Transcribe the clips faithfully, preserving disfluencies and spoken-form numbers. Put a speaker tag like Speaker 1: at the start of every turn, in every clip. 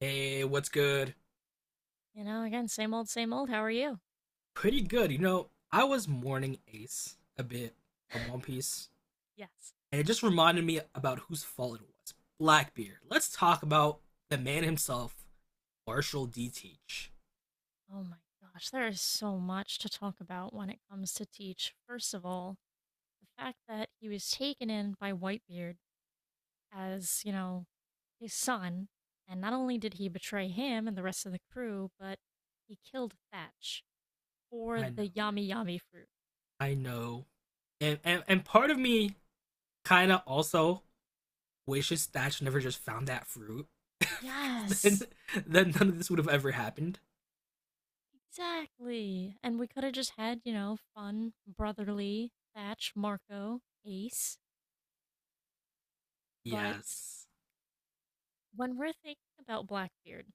Speaker 1: Hey, what's good?
Speaker 2: You know, again, same old, same old. How are you?
Speaker 1: Pretty good. You know, I was mourning Ace a bit from One Piece,
Speaker 2: Yes.
Speaker 1: and it just reminded me about whose fault it was. Blackbeard. Let's talk about the man himself, Marshall D. Teach.
Speaker 2: Oh my gosh, there is so much to talk about when it comes to Teach. First of all, the fact that he was taken in by Whitebeard as, you know, his son, and not only did he betray him and the rest of the crew, but he killed Thatch for
Speaker 1: I know,
Speaker 2: the yummy yummy fruit.
Speaker 1: I know. And and, and part of me kinda also wishes Thatch never just found that fruit. because then
Speaker 2: Yes,
Speaker 1: then none of this would have ever happened.
Speaker 2: exactly. And we could have just had, you know, fun, brotherly Thatch, Marco, Ace, but
Speaker 1: Yes.
Speaker 2: when we're thinking about Blackbeard,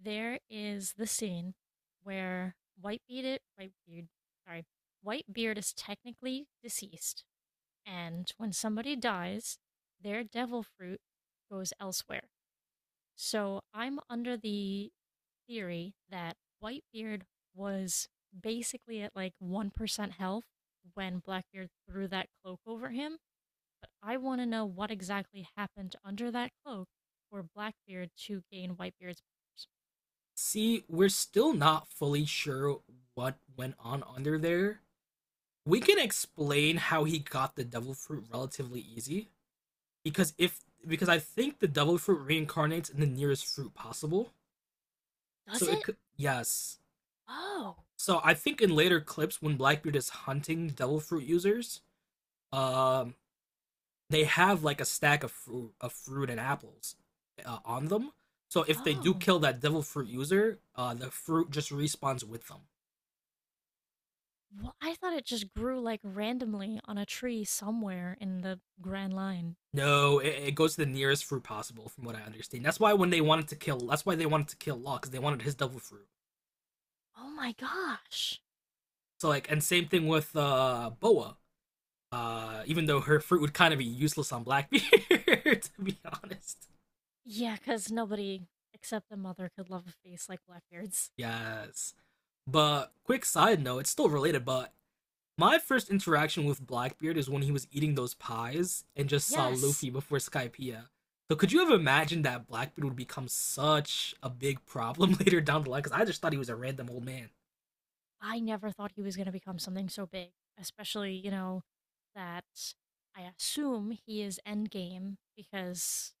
Speaker 2: there is the scene where Whitebeard, Whitebeard, sorry, Whitebeard is technically deceased, and when somebody dies, their devil fruit goes elsewhere. So I'm under the theory that Whitebeard was basically at like one percent health when Blackbeard threw that cloak over him. I want to know what exactly happened under that cloak for Blackbeard to gain Whitebeard's powers.
Speaker 1: See, we're still not fully sure what went on under there. We can explain how he got the devil fruit relatively easy because if because I think the devil fruit reincarnates in the nearest fruit possible. So
Speaker 2: Does
Speaker 1: it
Speaker 2: it?
Speaker 1: could, yes.
Speaker 2: Oh.
Speaker 1: So I think in later clips when Blackbeard is hunting devil fruit users, um, they have like a stack of fruit of fruit and apples uh, on them. So if they do
Speaker 2: Oh,
Speaker 1: kill that devil fruit user, uh, the fruit just respawns with them.
Speaker 2: well, I thought it just grew like randomly on a tree somewhere in the Grand Line.
Speaker 1: No, it, it goes to the nearest fruit possible, from what I understand. That's why when they wanted to kill, that's why they wanted to kill Law because they wanted his devil fruit.
Speaker 2: Oh my gosh.
Speaker 1: So like, and same thing with uh, Boa. Uh, even though her fruit would kind of be useless on Blackbeard, to be honest.
Speaker 2: Yeah, because nobody except the mother could love a face like Blackbeard's.
Speaker 1: Yes. But quick side note, it's still related, but my first interaction with Blackbeard is when he was eating those pies and just saw
Speaker 2: Yes,
Speaker 1: Luffy before Skypiea. So could you have imagined that Blackbeard would become such a big problem later down the line? Because I just thought he was a random old man.
Speaker 2: I never thought he was going to become something so big, especially, you know, that I assume he is endgame because,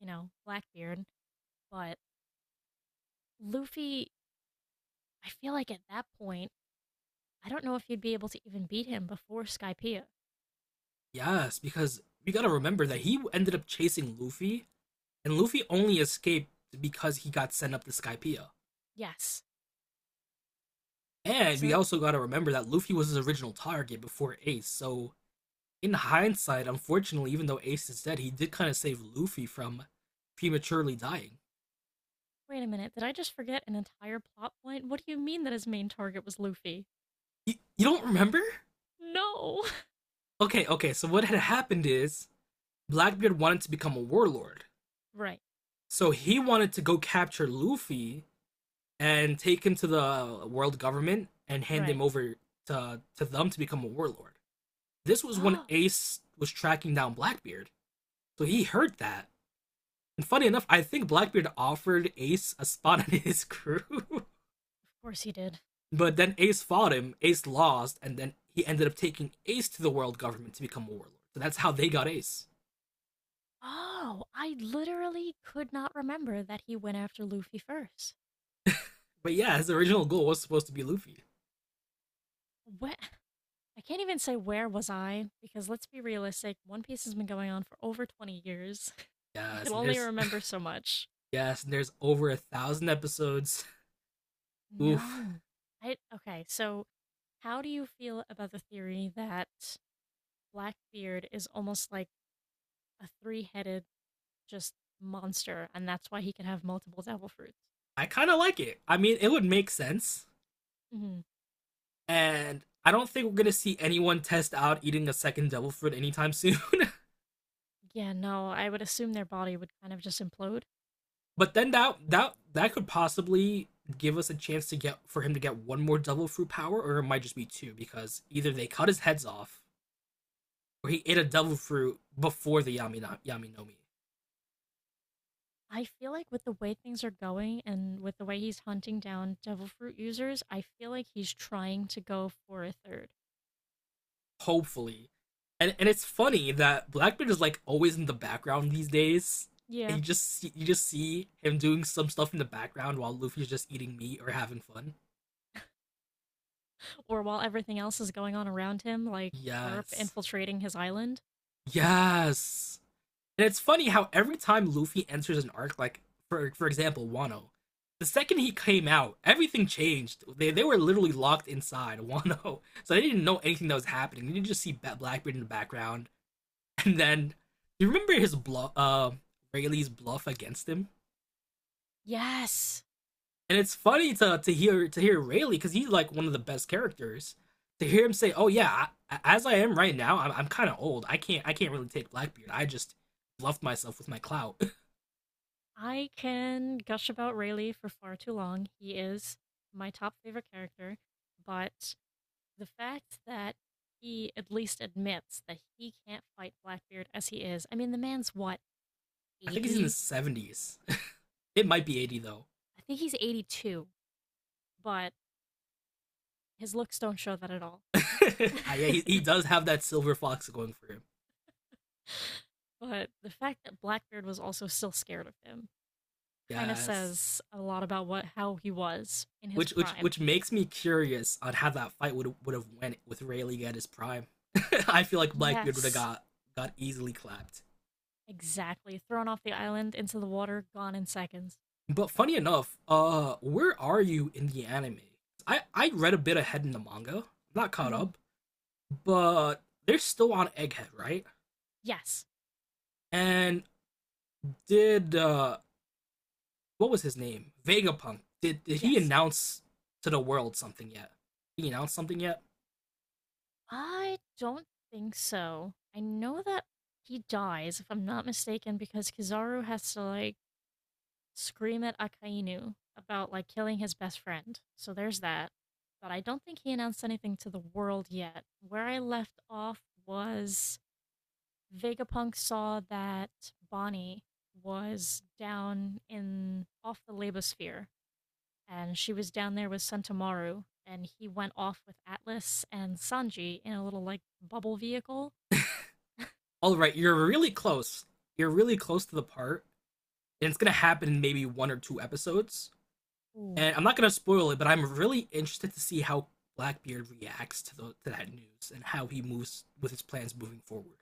Speaker 2: you know, Blackbeard. But Luffy, I feel like at that point, I don't know if you'd be able to even beat him before Skypiea.
Speaker 1: Yes, because we gotta remember that he ended up chasing Luffy, and Luffy only escaped because he got sent up to Skypiea.
Speaker 2: Yes.
Speaker 1: And we
Speaker 2: So,
Speaker 1: also got to remember that Luffy was his original target before Ace. So, in hindsight, unfortunately, even though Ace is dead, he did kind of save Luffy from prematurely dying.
Speaker 2: wait a minute. Did I just forget an entire plot point? What do you mean that his main target was Luffy?
Speaker 1: You, you don't remember?
Speaker 2: No.
Speaker 1: Okay, okay. So, what had happened is Blackbeard wanted to become a warlord.
Speaker 2: right,
Speaker 1: So, he wanted to go capture Luffy and take him to the world government and hand him
Speaker 2: right.
Speaker 1: over to, to them to become a warlord. This was when
Speaker 2: Oh,
Speaker 1: Ace was tracking down Blackbeard. So he heard that. And funny enough, I think Blackbeard offered Ace a spot on his crew.
Speaker 2: of course he did.
Speaker 1: But then Ace fought him, Ace lost, and then he ended up taking Ace to the world government to become a warlord. So that's how they got Ace.
Speaker 2: Oh, I literally could not remember that he went after Luffy first.
Speaker 1: But yeah, his original goal was supposed to be Luffy.
Speaker 2: What? I can't even say where was I because let's be realistic, One Piece has been going on for over twenty years. I
Speaker 1: Yes,
Speaker 2: can
Speaker 1: and
Speaker 2: only
Speaker 1: there's
Speaker 2: remember so much.
Speaker 1: yes, and there's over a thousand episodes. Oof.
Speaker 2: No. I Okay, so how do you feel about the theory that Blackbeard is almost like a three-headed just monster and that's why he can have multiple devil fruits?
Speaker 1: I kinda like it. I mean it would make sense.
Speaker 2: hmm
Speaker 1: And I don't think we're gonna see anyone test out eating a second devil fruit anytime soon.
Speaker 2: Yeah, no, I would assume their body would kind of just implode.
Speaker 1: But then that that that could possibly give us a chance to get for him to get one more devil fruit power, or it might just be two because either they cut his heads off or he ate a devil fruit before the Yamina, Yaminomi.
Speaker 2: I feel like with the way things are going and with the way he's hunting down devil fruit users, I feel like he's trying to go for a third.
Speaker 1: Hopefully, and and it's funny that Blackbeard is like always in the background these days. And
Speaker 2: Yeah.
Speaker 1: you just see, you just see him doing some stuff in the background while Luffy's just eating meat or having fun.
Speaker 2: Or while everything else is going on around him, like Garp
Speaker 1: Yes,
Speaker 2: infiltrating his island.
Speaker 1: yes. And it's funny how every time Luffy enters an arc, like for for example, Wano, the second he came out, everything changed. They they were literally locked inside Wano, so they didn't know anything that was happening. They didn't just see Blackbeard in the background, and then you remember his bluff, uh, Rayleigh's bluff against him.
Speaker 2: Yes.
Speaker 1: And it's
Speaker 2: Ugh.
Speaker 1: funny to to hear to hear Rayleigh because he's like one of the best characters. To hear him say, "Oh yeah, I, as I am right now, I'm, I'm kind of old. I can't I can't really take Blackbeard. I just bluffed myself with my clout."
Speaker 2: I can gush about Rayleigh for far too long. He is my top favorite character, but the fact that he at least admits that he can't fight Blackbeard as he is. I mean, the man's what,
Speaker 1: I think he's in his
Speaker 2: eighty?
Speaker 1: seventies. It might be eighty though.
Speaker 2: I think he's eighty-two, but his looks don't show that at all.
Speaker 1: Ah, yeah, he, he does have that silver fox going for him.
Speaker 2: but the fact that Blackbeard was also still scared of him kind of
Speaker 1: Yes,
Speaker 2: says a lot about what how he was in his
Speaker 1: which which
Speaker 2: prime.
Speaker 1: which makes me curious on how that fight would would have went with Rayleigh at his prime. I feel like Blackbeard would have
Speaker 2: Yes,
Speaker 1: got got easily clapped.
Speaker 2: exactly. Thrown off the island into the water, gone in seconds.
Speaker 1: But funny enough, uh, where are you in the anime? I I read a bit ahead in the manga. I'm not caught
Speaker 2: hmm
Speaker 1: up, but they're still on Egghead, right?
Speaker 2: Yes.
Speaker 1: And did uh what was his name? Vegapunk. Did did he
Speaker 2: Yes.
Speaker 1: announce to the world something yet? Did he announce something yet?
Speaker 2: I don't think so. I know that he dies, if I'm not mistaken, because Kizaru has to, like, scream at Akainu about, like, killing his best friend. So there's that. But I don't think he announced anything to the world yet. Where I left off was Vegapunk saw that Bonnie was down in off the labosphere and she was down there with Sentamaru, and he went off with Atlas and Sanji in a little like bubble vehicle.
Speaker 1: All right, you're really close. You're really close to the part, and it's gonna happen in maybe one or two episodes.
Speaker 2: Ooh.
Speaker 1: And I'm not gonna spoil it, but I'm really interested to see how Blackbeard reacts to the to that news and how he moves with his plans moving forward.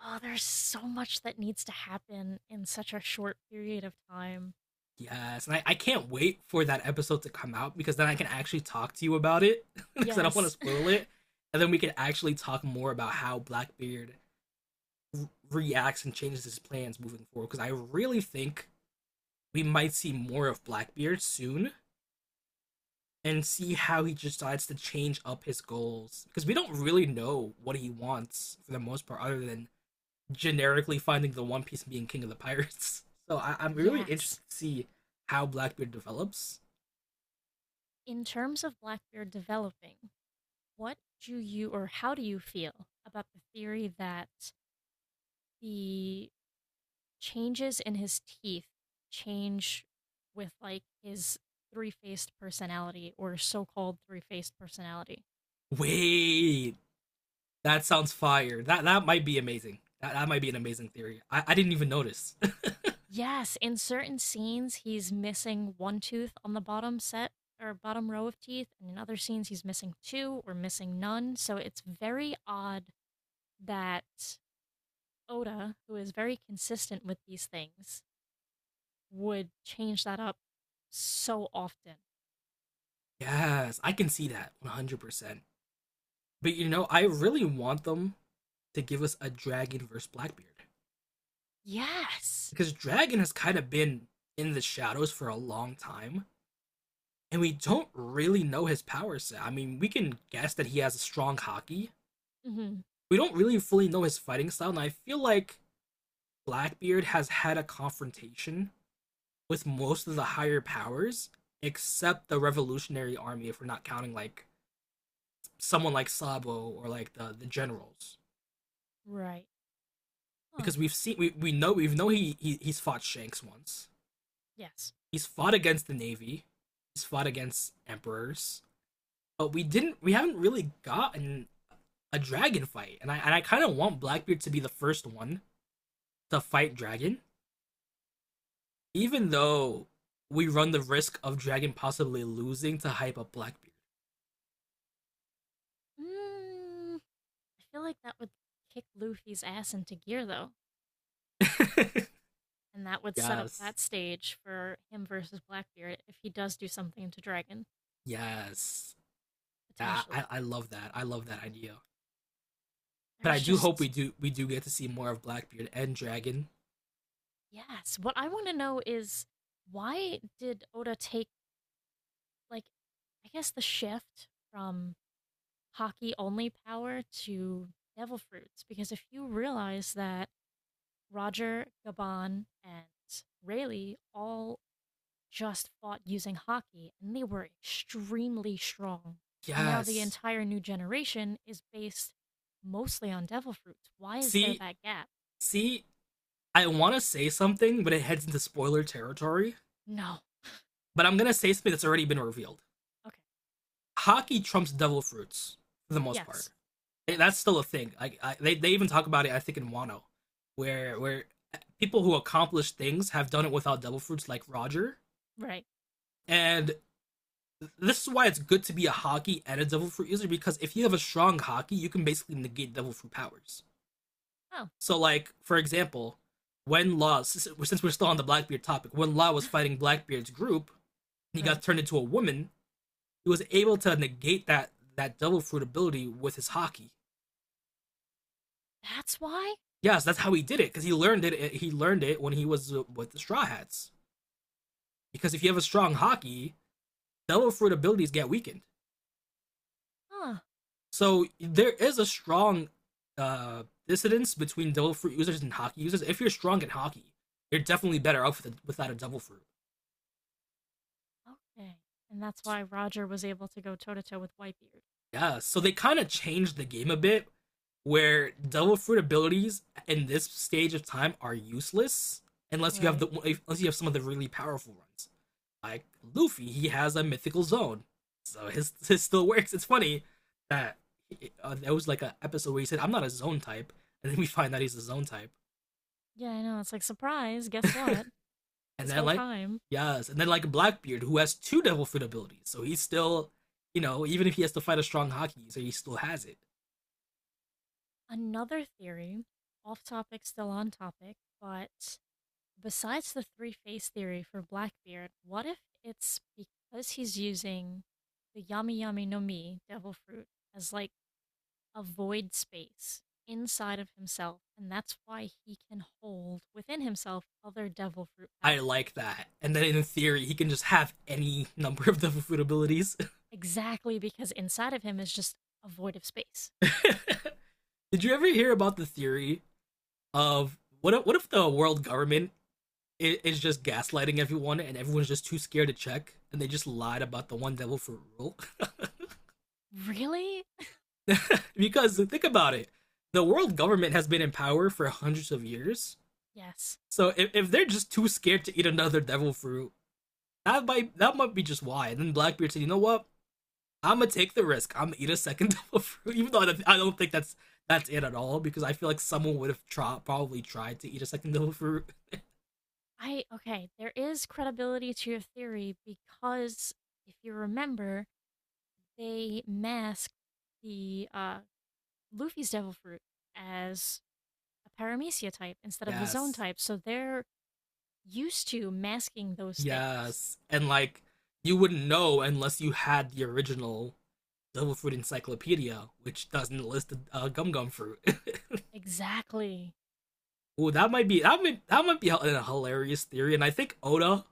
Speaker 2: Oh, there's so much that needs to happen in such a short period of time.
Speaker 1: Yes, and I, I can't wait for that episode to come out because then I can actually talk to you about it because I don't want to
Speaker 2: Yes.
Speaker 1: spoil it, and then we can actually talk more about how Blackbeard reacts and changes his plans moving forward because I really think we might see more of Blackbeard soon and see how he decides to change up his goals because we don't really know what he wants for the most part other than generically finding the one piece and being king of the pirates. so I- i'm really
Speaker 2: yes.
Speaker 1: interested to see how Blackbeard develops.
Speaker 2: In terms of Blackbeard developing, what do you or how do you feel about the theory that the changes in his teeth change with like his three faced personality or so called three faced personality?
Speaker 1: Wait, that sounds fire. That that might be amazing that, that might be an amazing theory. i, I didn't even notice.
Speaker 2: Yes, in certain scenes, he's missing one tooth on the bottom set or bottom row of teeth, and in other scenes, he's missing two or missing none. So it's very odd that Oda, who is very consistent with these things, would change that up so often.
Speaker 1: Yes, I can see that one hundred percent. But you know, I really want them to give us a Dragon versus Blackbeard
Speaker 2: Yes.
Speaker 1: because Dragon has kind of been in the shadows for a long time, and we don't really know his power set. I mean, we can guess that he has a strong hockey.
Speaker 2: hmm
Speaker 1: We don't really fully know his fighting style, and I feel like Blackbeard has had a confrontation with most of the higher powers, except the Revolutionary Army, if we're not counting like someone like Sabo or like the, the generals.
Speaker 2: Right. Huh.
Speaker 1: Because we've seen we, we know we know he, he he's fought Shanks once.
Speaker 2: Yes.
Speaker 1: He's fought against the Navy. He's fought against emperors. But we didn't we haven't really gotten a dragon fight. And I and I kind of want Blackbeard to be the first one to fight dragon, even though we run the risk of dragon possibly losing to hype up Blackbeard.
Speaker 2: Mm, I feel like that would kick Luffy's ass into gear, though, and that would set up
Speaker 1: Yes.
Speaker 2: that stage for him versus Blackbeard if he does do something to Dragon
Speaker 1: Yes. Yeah, I,
Speaker 2: potentially.
Speaker 1: I I love that. I love that idea. But I
Speaker 2: There's
Speaker 1: do hope we
Speaker 2: just
Speaker 1: do we do get to see more of Blackbeard and Dragon.
Speaker 2: yes. What I want to know is why did Oda take like I guess the shift from hockey only power to devil fruits because if you realize that Roger, Gabon, and Rayleigh all just fought using hockey and they were extremely strong. But now the
Speaker 1: Yes.
Speaker 2: entire new generation is based mostly on devil fruits. Why is there
Speaker 1: See,
Speaker 2: that gap?
Speaker 1: See, I want to say something, but it heads into spoiler territory.
Speaker 2: No.
Speaker 1: But I'm gonna say something that's already been revealed.
Speaker 2: Okay.
Speaker 1: Hockey trumps devil fruits for the most part.
Speaker 2: Yes.
Speaker 1: Eh, that's
Speaker 2: Yes.
Speaker 1: still a thing. Like I, they they even talk about it, I think, in Wano, where where people who accomplish things have done it without devil fruits, like Roger.
Speaker 2: Right.
Speaker 1: And this is why it's good to be a hockey and a devil fruit user because if you have a strong hockey, you can basically negate devil fruit powers.
Speaker 2: Oh,
Speaker 1: So, like for example, when Law, since we're still on the Blackbeard topic, when Law was fighting Blackbeard's group, and he got
Speaker 2: right.
Speaker 1: turned into a woman. He was able to negate that that devil fruit ability with his hockey.
Speaker 2: That's why?
Speaker 1: Yes, that's how he did it because he learned it. eh, He learned it when he was uh, with the Straw Hats. Because if you have a strong hockey, devil fruit abilities get weakened.
Speaker 2: Huh.
Speaker 1: So there is a strong uh, dissidence between devil fruit users and hockey users. If you're strong in hockey, you're definitely better off with a, without a devil fruit.
Speaker 2: Okay. And that's why Roger was able to go toe to toe with Whitebeard.
Speaker 1: Yeah, so they kind of changed the game a bit where devil fruit abilities in this stage of time are useless unless you have
Speaker 2: Right.
Speaker 1: the unless you have some of the really powerful ones. Like Luffy, he has a mythical zone. So his his still works. It's funny that uh, there was like an episode where he said, "I'm not a zone type," and then we find out he's a zone type.
Speaker 2: Yeah, I know. It's like, surprise, guess what?
Speaker 1: And
Speaker 2: This
Speaker 1: then
Speaker 2: whole
Speaker 1: like
Speaker 2: time.
Speaker 1: yes, and then like Blackbeard, who has two devil fruit abilities, so he's still, you know, even if he has to fight a strong Haki, so he still has it.
Speaker 2: Another theory, off topic, still on topic, but besides the three phase theory for Blackbeard, what if it's because he's using the Yami Yami no Mi, devil fruit, as like a void space inside of himself, and that's why he can hold within himself other devil fruit
Speaker 1: I
Speaker 2: powers?
Speaker 1: like that. And then in theory, he can just have any number of the food abilities.
Speaker 2: Exactly, because inside of him is just a void of space.
Speaker 1: Did you ever hear about the theory of what if, what if the world government is just gaslighting everyone and everyone's just too scared to check and they just lied about the one devil fruit rule?
Speaker 2: Really?
Speaker 1: Because think about it. The world government has been in power for hundreds of years.
Speaker 2: yes.
Speaker 1: So if, if they're just too scared to eat another devil fruit, that might that might be just why. And then Blackbeard said, you know what? I'm gonna take the risk. I'm gonna eat a second double fruit, even though I don't- think that's that's it at all. Because I feel like someone would have tried, probably tried to eat a second double fruit.
Speaker 2: I Okay, there is credibility to your theory because if you remember, they masked the uh, Luffy's Devil Fruit as a Paramecia type instead of the Zone
Speaker 1: Yes,
Speaker 2: type, so they're used to masking those things.
Speaker 1: yes, and like you wouldn't know unless you had the original double fruit encyclopedia, which doesn't list the uh, gum gum fruit.
Speaker 2: Exactly.
Speaker 1: Ooh, that might be that might that might be a, a hilarious theory, and I think Oda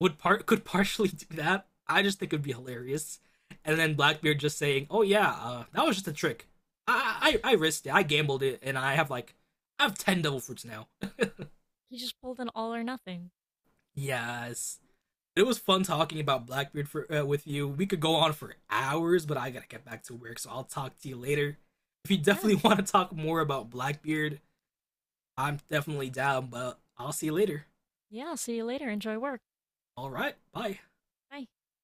Speaker 1: would part could partially do that. I just think it would be hilarious, and then Blackbeard just saying, "Oh yeah, uh, that was just a trick. I, I I risked it. I gambled it, and I have like I have ten devil fruits now."
Speaker 2: He just pulled an all or nothing.
Speaker 1: Yes, it was fun talking about Blackbeard for uh, with you. We could go on for hours, but I gotta get back to work, so I'll talk to you later. If you
Speaker 2: Yeah.
Speaker 1: definitely want to talk more about Blackbeard, I'm definitely down. But I'll see you later.
Speaker 2: Yeah. See you later. Enjoy work.
Speaker 1: All right, bye.
Speaker 2: Bye.